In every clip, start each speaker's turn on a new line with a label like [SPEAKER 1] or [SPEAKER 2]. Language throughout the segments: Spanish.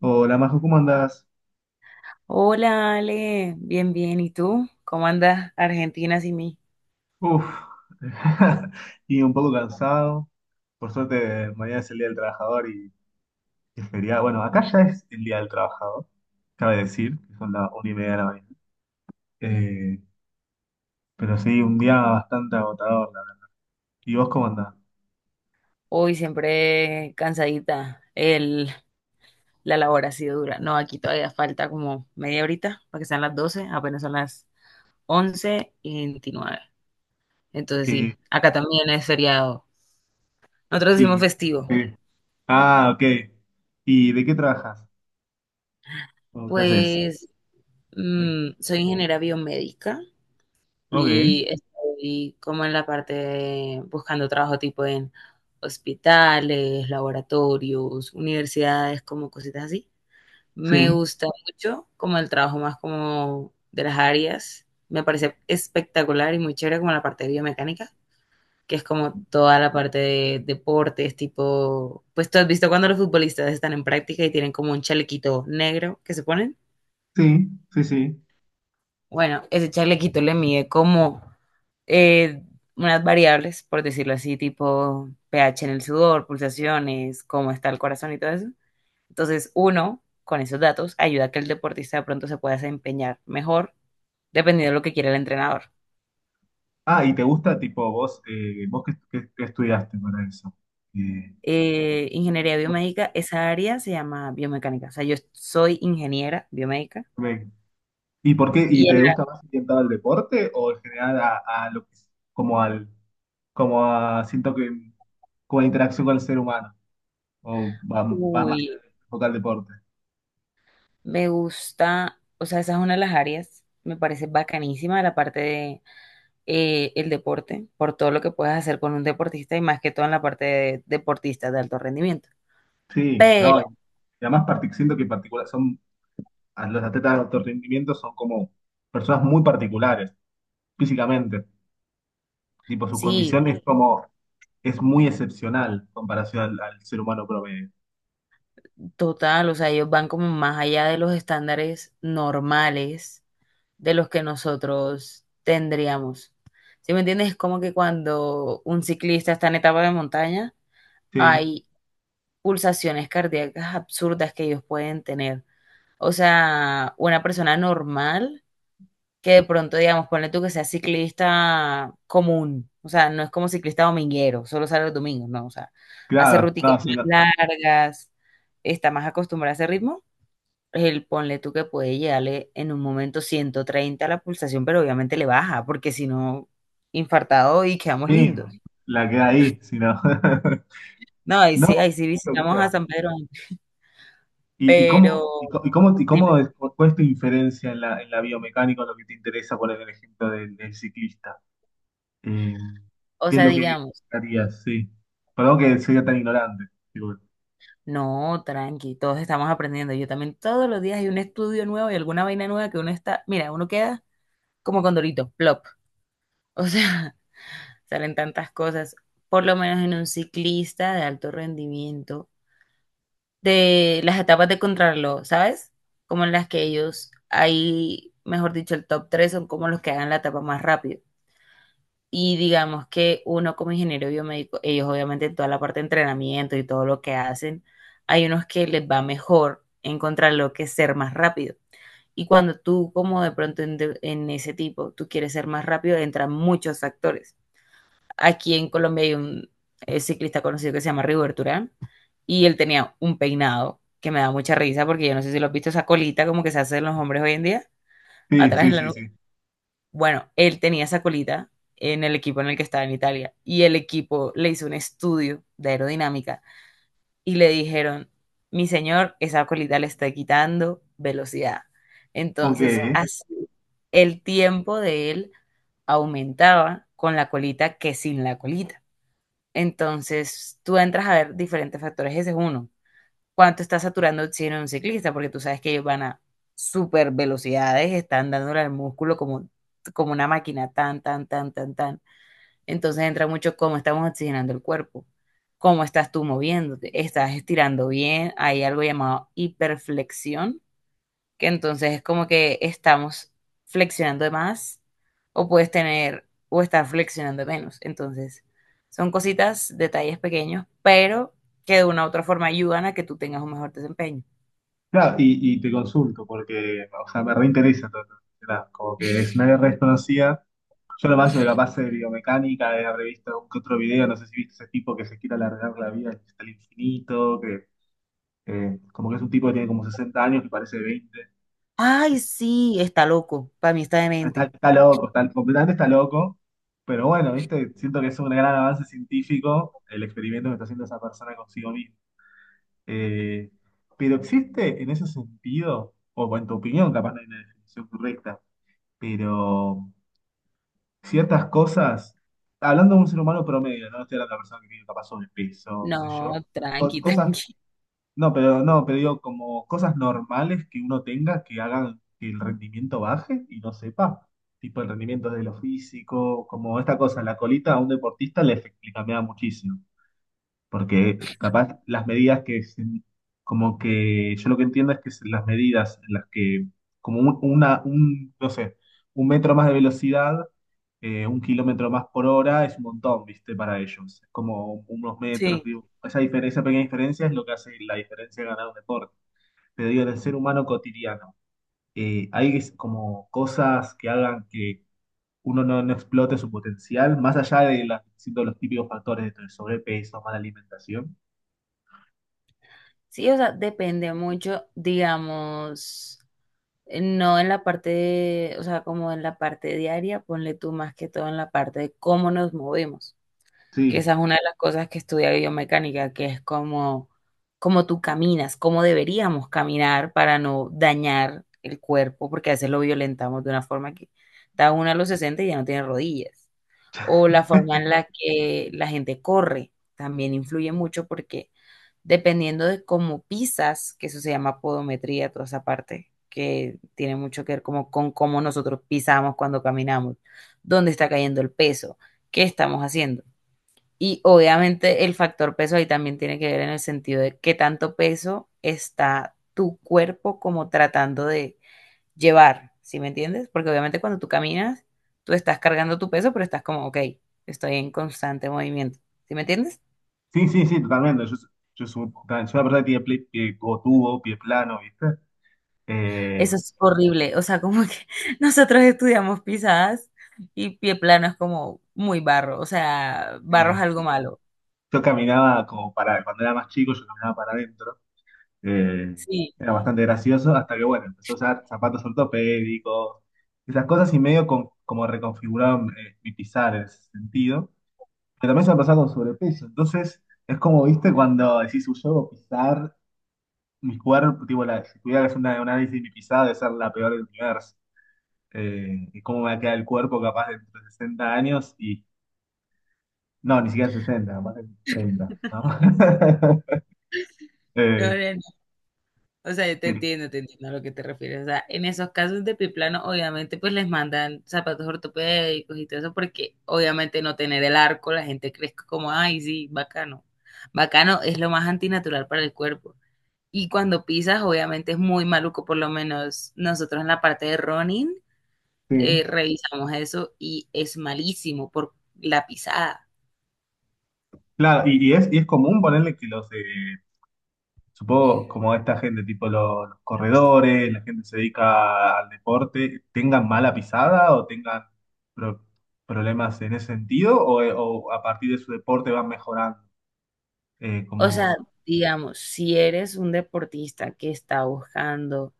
[SPEAKER 1] Hola, Majo, ¿cómo andás?
[SPEAKER 2] Hola Ale, bien, bien. ¿Y tú? ¿Cómo andas Argentina sin mí?
[SPEAKER 1] Uf, y un poco cansado. Por suerte, mañana es el Día del Trabajador y es feriado. Bueno, acá ya es el Día del Trabajador, cabe decir, que son las una y media de la mañana. Eh, pero sí, un día bastante agotador. ¿Y vos cómo andás?
[SPEAKER 2] Hoy siempre cansadita. La labor ha sido dura. No, aquí todavía falta como media horita para que sean las 12. Apenas son las once y 29. Entonces
[SPEAKER 1] Eh,
[SPEAKER 2] sí, acá también es feriado. Nosotros decimos
[SPEAKER 1] y,
[SPEAKER 2] festivo.
[SPEAKER 1] eh, ah, ok. ¿Y de qué trabajas? ¿O qué haces?
[SPEAKER 2] Pues
[SPEAKER 1] Eh,
[SPEAKER 2] soy ingeniera biomédica.
[SPEAKER 1] ok,
[SPEAKER 2] Y estoy como en la parte de buscando trabajo tipo en hospitales, laboratorios, universidades, como cositas así. Me
[SPEAKER 1] sí,
[SPEAKER 2] gusta mucho como el trabajo más como de las áreas. Me parece espectacular y muy chévere como la parte de biomecánica, que es como toda la parte de deportes, tipo, pues tú has visto cuando los futbolistas están en práctica y tienen como un chalequito negro que se ponen.
[SPEAKER 1] sí, sí, sí.
[SPEAKER 2] Bueno, ese chalequito le mide como eh, unas variables, por decirlo así, tipo pH en el sudor, pulsaciones, cómo está el corazón y todo eso. Entonces, uno, con esos datos, ayuda a que el deportista de pronto se pueda desempeñar mejor, dependiendo de lo que quiera el entrenador.
[SPEAKER 1] Ah, ¿y te gusta, tipo, vos, vos qué estudiaste para eso? Eh,
[SPEAKER 2] Ingeniería biomédica, esa área se llama biomecánica. O sea, yo soy ingeniera biomédica.
[SPEAKER 1] ¿Y por qué? ¿Y
[SPEAKER 2] y en
[SPEAKER 1] te gusta
[SPEAKER 2] la-
[SPEAKER 1] más orientado al deporte o en general a, a lo que es- como al como a siento que como a la interacción con el ser humano? ¿O va vas más que
[SPEAKER 2] uy,
[SPEAKER 1] nada enfocado al deporte?
[SPEAKER 2] me gusta, o sea, esa es una de las áreas, me parece bacanísima la parte de el deporte, por todo lo que puedes hacer con un deportista y más que todo en la parte de deportistas de alto rendimiento.
[SPEAKER 1] Sí,
[SPEAKER 2] Pero
[SPEAKER 1] no, y además siento que particular son a los atletas de alto rendimiento son como personas muy particulares físicamente, tipo sus
[SPEAKER 2] sí,
[SPEAKER 1] condiciones como es muy excepcional en comparación al ser humano promedio.
[SPEAKER 2] total, o sea, ellos van como más allá de los estándares normales de los que nosotros tendríamos. ¿Sí me entiendes? Es como que cuando un ciclista está en etapa de montaña,
[SPEAKER 1] Sí,
[SPEAKER 2] hay pulsaciones cardíacas absurdas que ellos pueden tener. O sea, una persona normal que de pronto, digamos, ponle tú que sea ciclista común, o sea, no es como ciclista dominguero, solo sale los domingos, no, o sea, hace
[SPEAKER 1] claro,
[SPEAKER 2] rúticas
[SPEAKER 1] no, sí, no,
[SPEAKER 2] más largas, está más acostumbrado a ese ritmo, el ponle tú que puede llegarle en un momento 130 a la pulsación, pero obviamente le baja, porque si no, infartado y quedamos
[SPEAKER 1] sí,
[SPEAKER 2] lindos.
[SPEAKER 1] la queda ahí, si no.
[SPEAKER 2] No,
[SPEAKER 1] No,
[SPEAKER 2] ahí sí
[SPEAKER 1] qué
[SPEAKER 2] visitamos a
[SPEAKER 1] locura.
[SPEAKER 2] San Pedro,
[SPEAKER 1] ¿Y
[SPEAKER 2] pero
[SPEAKER 1] cómo, y
[SPEAKER 2] dime,
[SPEAKER 1] cómo es, ¿cuál es tu inferencia en la biomecánica, en lo que te interesa poner el ejemplo del, del ciclista? Eh,
[SPEAKER 2] o
[SPEAKER 1] ¿Qué es
[SPEAKER 2] sea,
[SPEAKER 1] lo que
[SPEAKER 2] digamos.
[SPEAKER 1] harías? Sí. Perdón que sea tan ignorante. Disculpe.
[SPEAKER 2] No, tranqui, todos estamos aprendiendo. Yo también todos los días hay un estudio nuevo y alguna vaina nueva que uno está, mira, uno queda como con Condorito, plop. O sea, salen tantas cosas, por lo menos en un ciclista de alto rendimiento, de las etapas de contrarreloj, ¿sabes? Como en las que ellos, ahí, mejor dicho, el top 3 son como los que hagan la etapa más rápido. Y digamos que uno como ingeniero biomédico, ellos obviamente en toda la parte de entrenamiento y todo lo que hacen, hay unos que les va mejor encontrar lo que es ser más rápido. Y cuando tú como de pronto en ese tipo, tú quieres ser más rápido, entran muchos factores. Aquí en Colombia hay un ciclista conocido que se llama Rigoberto Urán, y él tenía un peinado que me da mucha risa porque yo no sé si lo has visto, esa colita como que se hacen los hombres hoy en día,
[SPEAKER 1] Sí,
[SPEAKER 2] atrás
[SPEAKER 1] sí,
[SPEAKER 2] en la
[SPEAKER 1] sí, sí.
[SPEAKER 2] bueno, él tenía esa colita en el equipo en el que estaba en Italia, y el equipo le hizo un estudio de aerodinámica y le dijeron, mi señor, esa colita le está quitando velocidad.
[SPEAKER 1] Ok.
[SPEAKER 2] Entonces, así el tiempo de él aumentaba con la colita que sin la colita. Entonces, tú entras a ver diferentes factores, ese es uno: cuánto está saturando oxígeno un ciclista, porque tú sabes que ellos van a super velocidades, están dándole al músculo como, una máquina, tan, tan, tan, tan, tan. Entonces entra mucho cómo estamos oxigenando el cuerpo, cómo estás tú moviéndote, estás estirando bien, hay algo llamado hiperflexión, que entonces es como que estamos flexionando de más o puedes tener o estar flexionando de menos. Entonces, son cositas, detalles pequeños, pero que de una u otra forma ayudan a que tú tengas un mejor desempeño.
[SPEAKER 1] Claro, y te consulto porque, o sea, me reinteresa todo esto, ¿verdad? Como que es una guerra desconocida. Yo lo más capaz de biomecánica, he revisto algún que otro video, no sé si viste ese tipo que se quiere alargar la vida hasta el infinito, que como que es un tipo que tiene como 60 años que parece veinte.
[SPEAKER 2] Ay, sí, está loco. Para mí está
[SPEAKER 1] Está,
[SPEAKER 2] demente.
[SPEAKER 1] está loco, completamente está loco. Pero bueno, ¿viste? Siento que es un gran avance científico el experimento que está haciendo esa persona consigo misma. Eh, pero existe en ese sentido, o en tu opinión, capaz no hay una definición correcta, pero ciertas cosas, hablando de un ser humano promedio, no estoy hablando de una persona que tiene capaz sobrepeso, qué sé yo,
[SPEAKER 2] No, tranqui,
[SPEAKER 1] cosas,
[SPEAKER 2] tranqui.
[SPEAKER 1] no, pero no, pero digo, como cosas normales que uno tenga que hagan que el rendimiento baje y no sepa, tipo el rendimiento de lo físico, como esta cosa, la colita a un deportista le cambia muchísimo, porque capaz las medidas que, como que yo lo que entiendo es que las medidas en las que, como una, un, no sé, un metro más de velocidad, un kilómetro más por hora es un montón, ¿viste? Para ellos. Es como unos metros,
[SPEAKER 2] Sí.
[SPEAKER 1] digo. Esa diferencia, esa pequeña diferencia es lo que hace la diferencia de ganar un deporte. Pero digo, en el ser humano cotidiano, hay como cosas que hagan que uno no, no explote su potencial, más allá de la- siendo los típicos factores de sobrepeso, mala alimentación.
[SPEAKER 2] Sí, o sea, depende mucho, digamos, no en la parte, o sea, como en la parte diaria, ponle tú más que todo en la parte de cómo nos movemos. Que
[SPEAKER 1] Sí,
[SPEAKER 2] esa es una de las cosas que estudia biomecánica, que es como tú caminas, cómo deberíamos caminar para no dañar el cuerpo, porque a veces lo violentamos de una forma que está uno a los 60 y ya no tiene rodillas. O la forma en la que la gente corre también influye mucho, porque dependiendo de cómo pisas, que eso se llama podometría, toda esa parte, que tiene mucho que ver como con cómo nosotros pisamos cuando caminamos, dónde está cayendo el peso, qué estamos haciendo. Y obviamente el factor peso ahí también tiene que ver, en el sentido de qué tanto peso está tu cuerpo como tratando de llevar, ¿sí me entiendes? Porque obviamente cuando tú caminas, tú estás cargando tu peso, pero estás como, ok, estoy en constante movimiento, ¿sí me entiendes?
[SPEAKER 1] sí, sí, sí, totalmente. Yo soy, una persona que tiene pie, tuvo tubo, pie plano, ¿viste?
[SPEAKER 2] Eso
[SPEAKER 1] Eh,
[SPEAKER 2] es horrible, o sea, como que nosotros estudiamos pisadas, y pie plano es como muy barro, o sea, barro es
[SPEAKER 1] eh,
[SPEAKER 2] algo malo.
[SPEAKER 1] yo caminaba como para, cuando era más chico, yo caminaba para adentro. Eh,
[SPEAKER 2] Sí,
[SPEAKER 1] Era bastante gracioso hasta que, bueno, empezó a usar zapatos ortopédicos, esas cosas y medio como reconfiguraron, mi pisar en ese sentido. Pero también se me pasaba con sobrepeso. Entonces, es como, viste, cuando decís, "Uy, yo debo pisar mi cuerpo", tipo, la, si tuviera que hacer un análisis de mi pisada, debe ser la peor del universo. Y cómo me va a quedar el cuerpo capaz dentro de 60 años y, no, ni siquiera sesenta, capaz de 30, ¿no?
[SPEAKER 2] no,
[SPEAKER 1] Eh,
[SPEAKER 2] no. O sea, yo te entiendo a lo que te refieres. O sea, en esos casos de piplano, obviamente, pues les mandan zapatos ortopédicos y todo eso, porque obviamente no tener el arco, la gente cree que como, ay, sí, bacano. Bacano es lo más antinatural para el cuerpo. Y cuando pisas, obviamente es muy maluco. Por lo menos nosotros en la parte de running,
[SPEAKER 1] sí.
[SPEAKER 2] revisamos eso y es malísimo por la pisada.
[SPEAKER 1] Claro, y es común, ponerle que los, supongo como esta gente, tipo los corredores, la gente que se dedica al deporte, ¿tengan mala pisada o tengan pro- problemas en ese sentido, o a partir de su deporte van mejorando?
[SPEAKER 2] O
[SPEAKER 1] Como,
[SPEAKER 2] sea, digamos, si eres un deportista que está buscando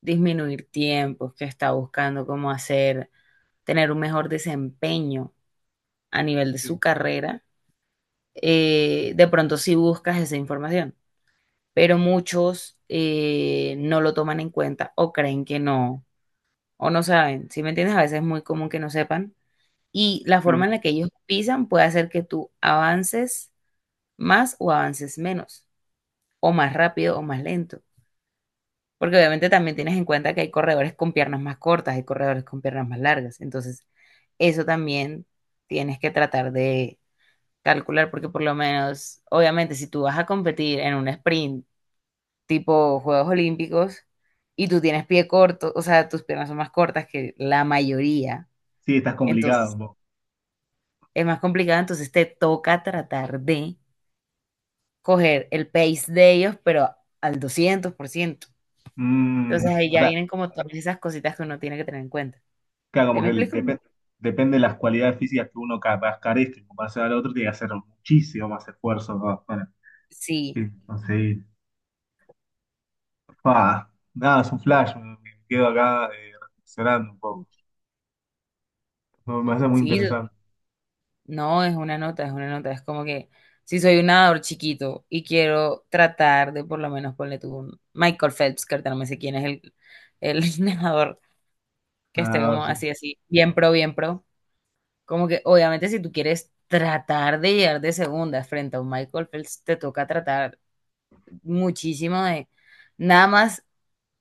[SPEAKER 2] disminuir tiempos, que está buscando cómo hacer, tener un mejor desempeño a nivel de su
[SPEAKER 1] sí,
[SPEAKER 2] carrera, de pronto sí buscas esa información, pero muchos no lo toman en cuenta o creen que no, o no saben, ¿si me entiendes? A veces es muy común que no sepan, y la forma
[SPEAKER 1] sí,
[SPEAKER 2] en la que ellos pisan puede hacer que tú avances más o avances menos, o más rápido o más lento. Porque obviamente también tienes en cuenta que hay corredores con piernas más cortas, hay corredores con piernas más largas. Entonces, eso también tienes que tratar de calcular, porque por lo menos, obviamente, si tú vas a competir en un sprint tipo Juegos Olímpicos y tú tienes pie corto, o sea, tus piernas son más cortas que la mayoría,
[SPEAKER 1] sí, estás complicado
[SPEAKER 2] entonces
[SPEAKER 1] un poco.
[SPEAKER 2] es más complicado, entonces te toca tratar de coger el pace de ellos, pero al 200%. Entonces
[SPEAKER 1] Mm,
[SPEAKER 2] ahí
[SPEAKER 1] o
[SPEAKER 2] ya
[SPEAKER 1] sea,
[SPEAKER 2] vienen como todas esas cositas que uno tiene que tener en cuenta.
[SPEAKER 1] claro,
[SPEAKER 2] ¿Sí
[SPEAKER 1] como
[SPEAKER 2] me
[SPEAKER 1] que
[SPEAKER 2] explico?
[SPEAKER 1] depende de las cualidades físicas que uno capaz carezca en comparación al otro, tiene que hacer muchísimo más esfuerzo para,
[SPEAKER 2] Sí,
[SPEAKER 1] sí, conseguir. Fua, nada, es un flash, me quedo acá, reflexionando un poco. No, me hace muy
[SPEAKER 2] sí,
[SPEAKER 1] interesante.
[SPEAKER 2] no, es una nota, es una nota. Es como que si soy un nadador chiquito y quiero tratar de por lo menos ponerle tú un Michael Phelps, que ahorita no me sé quién es el, nadador que esté
[SPEAKER 1] No,
[SPEAKER 2] como
[SPEAKER 1] sí.
[SPEAKER 2] así, así, bien pro, bien pro. Como que obviamente si tú quieres tratar de llegar de segunda frente a un Michael Phelps, te toca tratar muchísimo de nada más.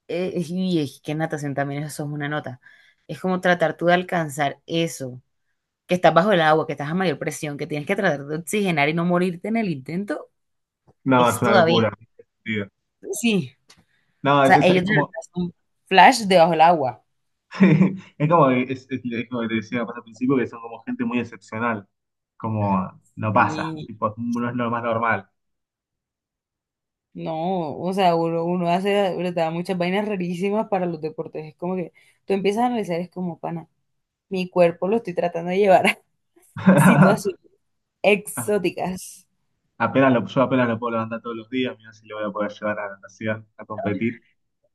[SPEAKER 2] Y es que en natación también eso es una nota. Es como tratar tú de alcanzar eso, que estás bajo el agua, que estás a mayor presión, que tienes que tratar de oxigenar y no morirte en el intento,
[SPEAKER 1] No, es
[SPEAKER 2] es
[SPEAKER 1] una
[SPEAKER 2] todavía,
[SPEAKER 1] locura.
[SPEAKER 2] sí,
[SPEAKER 1] No,
[SPEAKER 2] o
[SPEAKER 1] es,
[SPEAKER 2] sea,
[SPEAKER 1] es, es
[SPEAKER 2] ellos tienen
[SPEAKER 1] como,
[SPEAKER 2] un flash debajo del agua.
[SPEAKER 1] es como que te decía más al principio, que son como gente muy excepcional. Como no pasa,
[SPEAKER 2] Y
[SPEAKER 1] tipo, no es lo más normal.
[SPEAKER 2] no, o sea, uno hace, verdad, muchas vainas rarísimas para los deportes. Es como que tú empiezas a analizar, es como, pana, mi cuerpo lo estoy tratando de llevar a situaciones exóticas.
[SPEAKER 1] Yo apenas lo puedo levantar todos los días, mira si lo voy a poder llevar a la natación, a competir.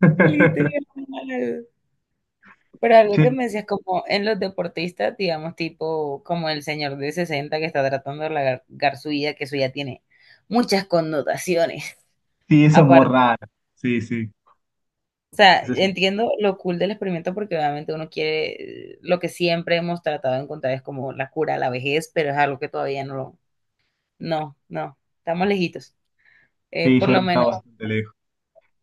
[SPEAKER 2] Literal. Pero algo que
[SPEAKER 1] Sí,
[SPEAKER 2] me decías, como en los deportistas, digamos, tipo como el señor de 60 que está tratando de largar su vida, que eso ya tiene muchas connotaciones.
[SPEAKER 1] sí, eso es muy
[SPEAKER 2] Aparte,
[SPEAKER 1] raro. Sí, sí.
[SPEAKER 2] o sea,
[SPEAKER 1] Eso es-
[SPEAKER 2] entiendo lo cool del experimento, porque obviamente uno quiere, lo que siempre hemos tratado de encontrar es como la cura a la vejez, pero es algo que todavía no lo, no, no, estamos lejitos. Eh,
[SPEAKER 1] sí, yo
[SPEAKER 2] por
[SPEAKER 1] creo
[SPEAKER 2] lo
[SPEAKER 1] que está
[SPEAKER 2] menos
[SPEAKER 1] bastante lejos.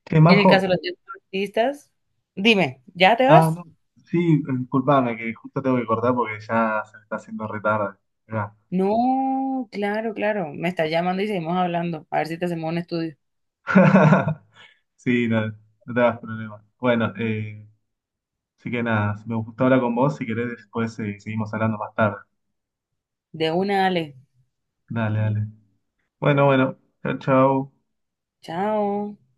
[SPEAKER 1] Che,
[SPEAKER 2] en el caso
[SPEAKER 1] Majo,
[SPEAKER 2] de los deportistas, dime, ¿ya te
[SPEAKER 1] ah,
[SPEAKER 2] vas?
[SPEAKER 1] no, sí, disculpame, que justo tengo que cortar porque ya se me está haciendo retarde.
[SPEAKER 2] No, claro, claro, me estás llamando y seguimos hablando, a ver si te hacemos un estudio.
[SPEAKER 1] Sí, no, no te hagas problema. Bueno, así que nada, me gustó hablar con vos, si querés después, seguimos hablando más tarde.
[SPEAKER 2] De una, Ale.
[SPEAKER 1] Dale, dale. Bueno, bueno, chao, chao.
[SPEAKER 2] Chao.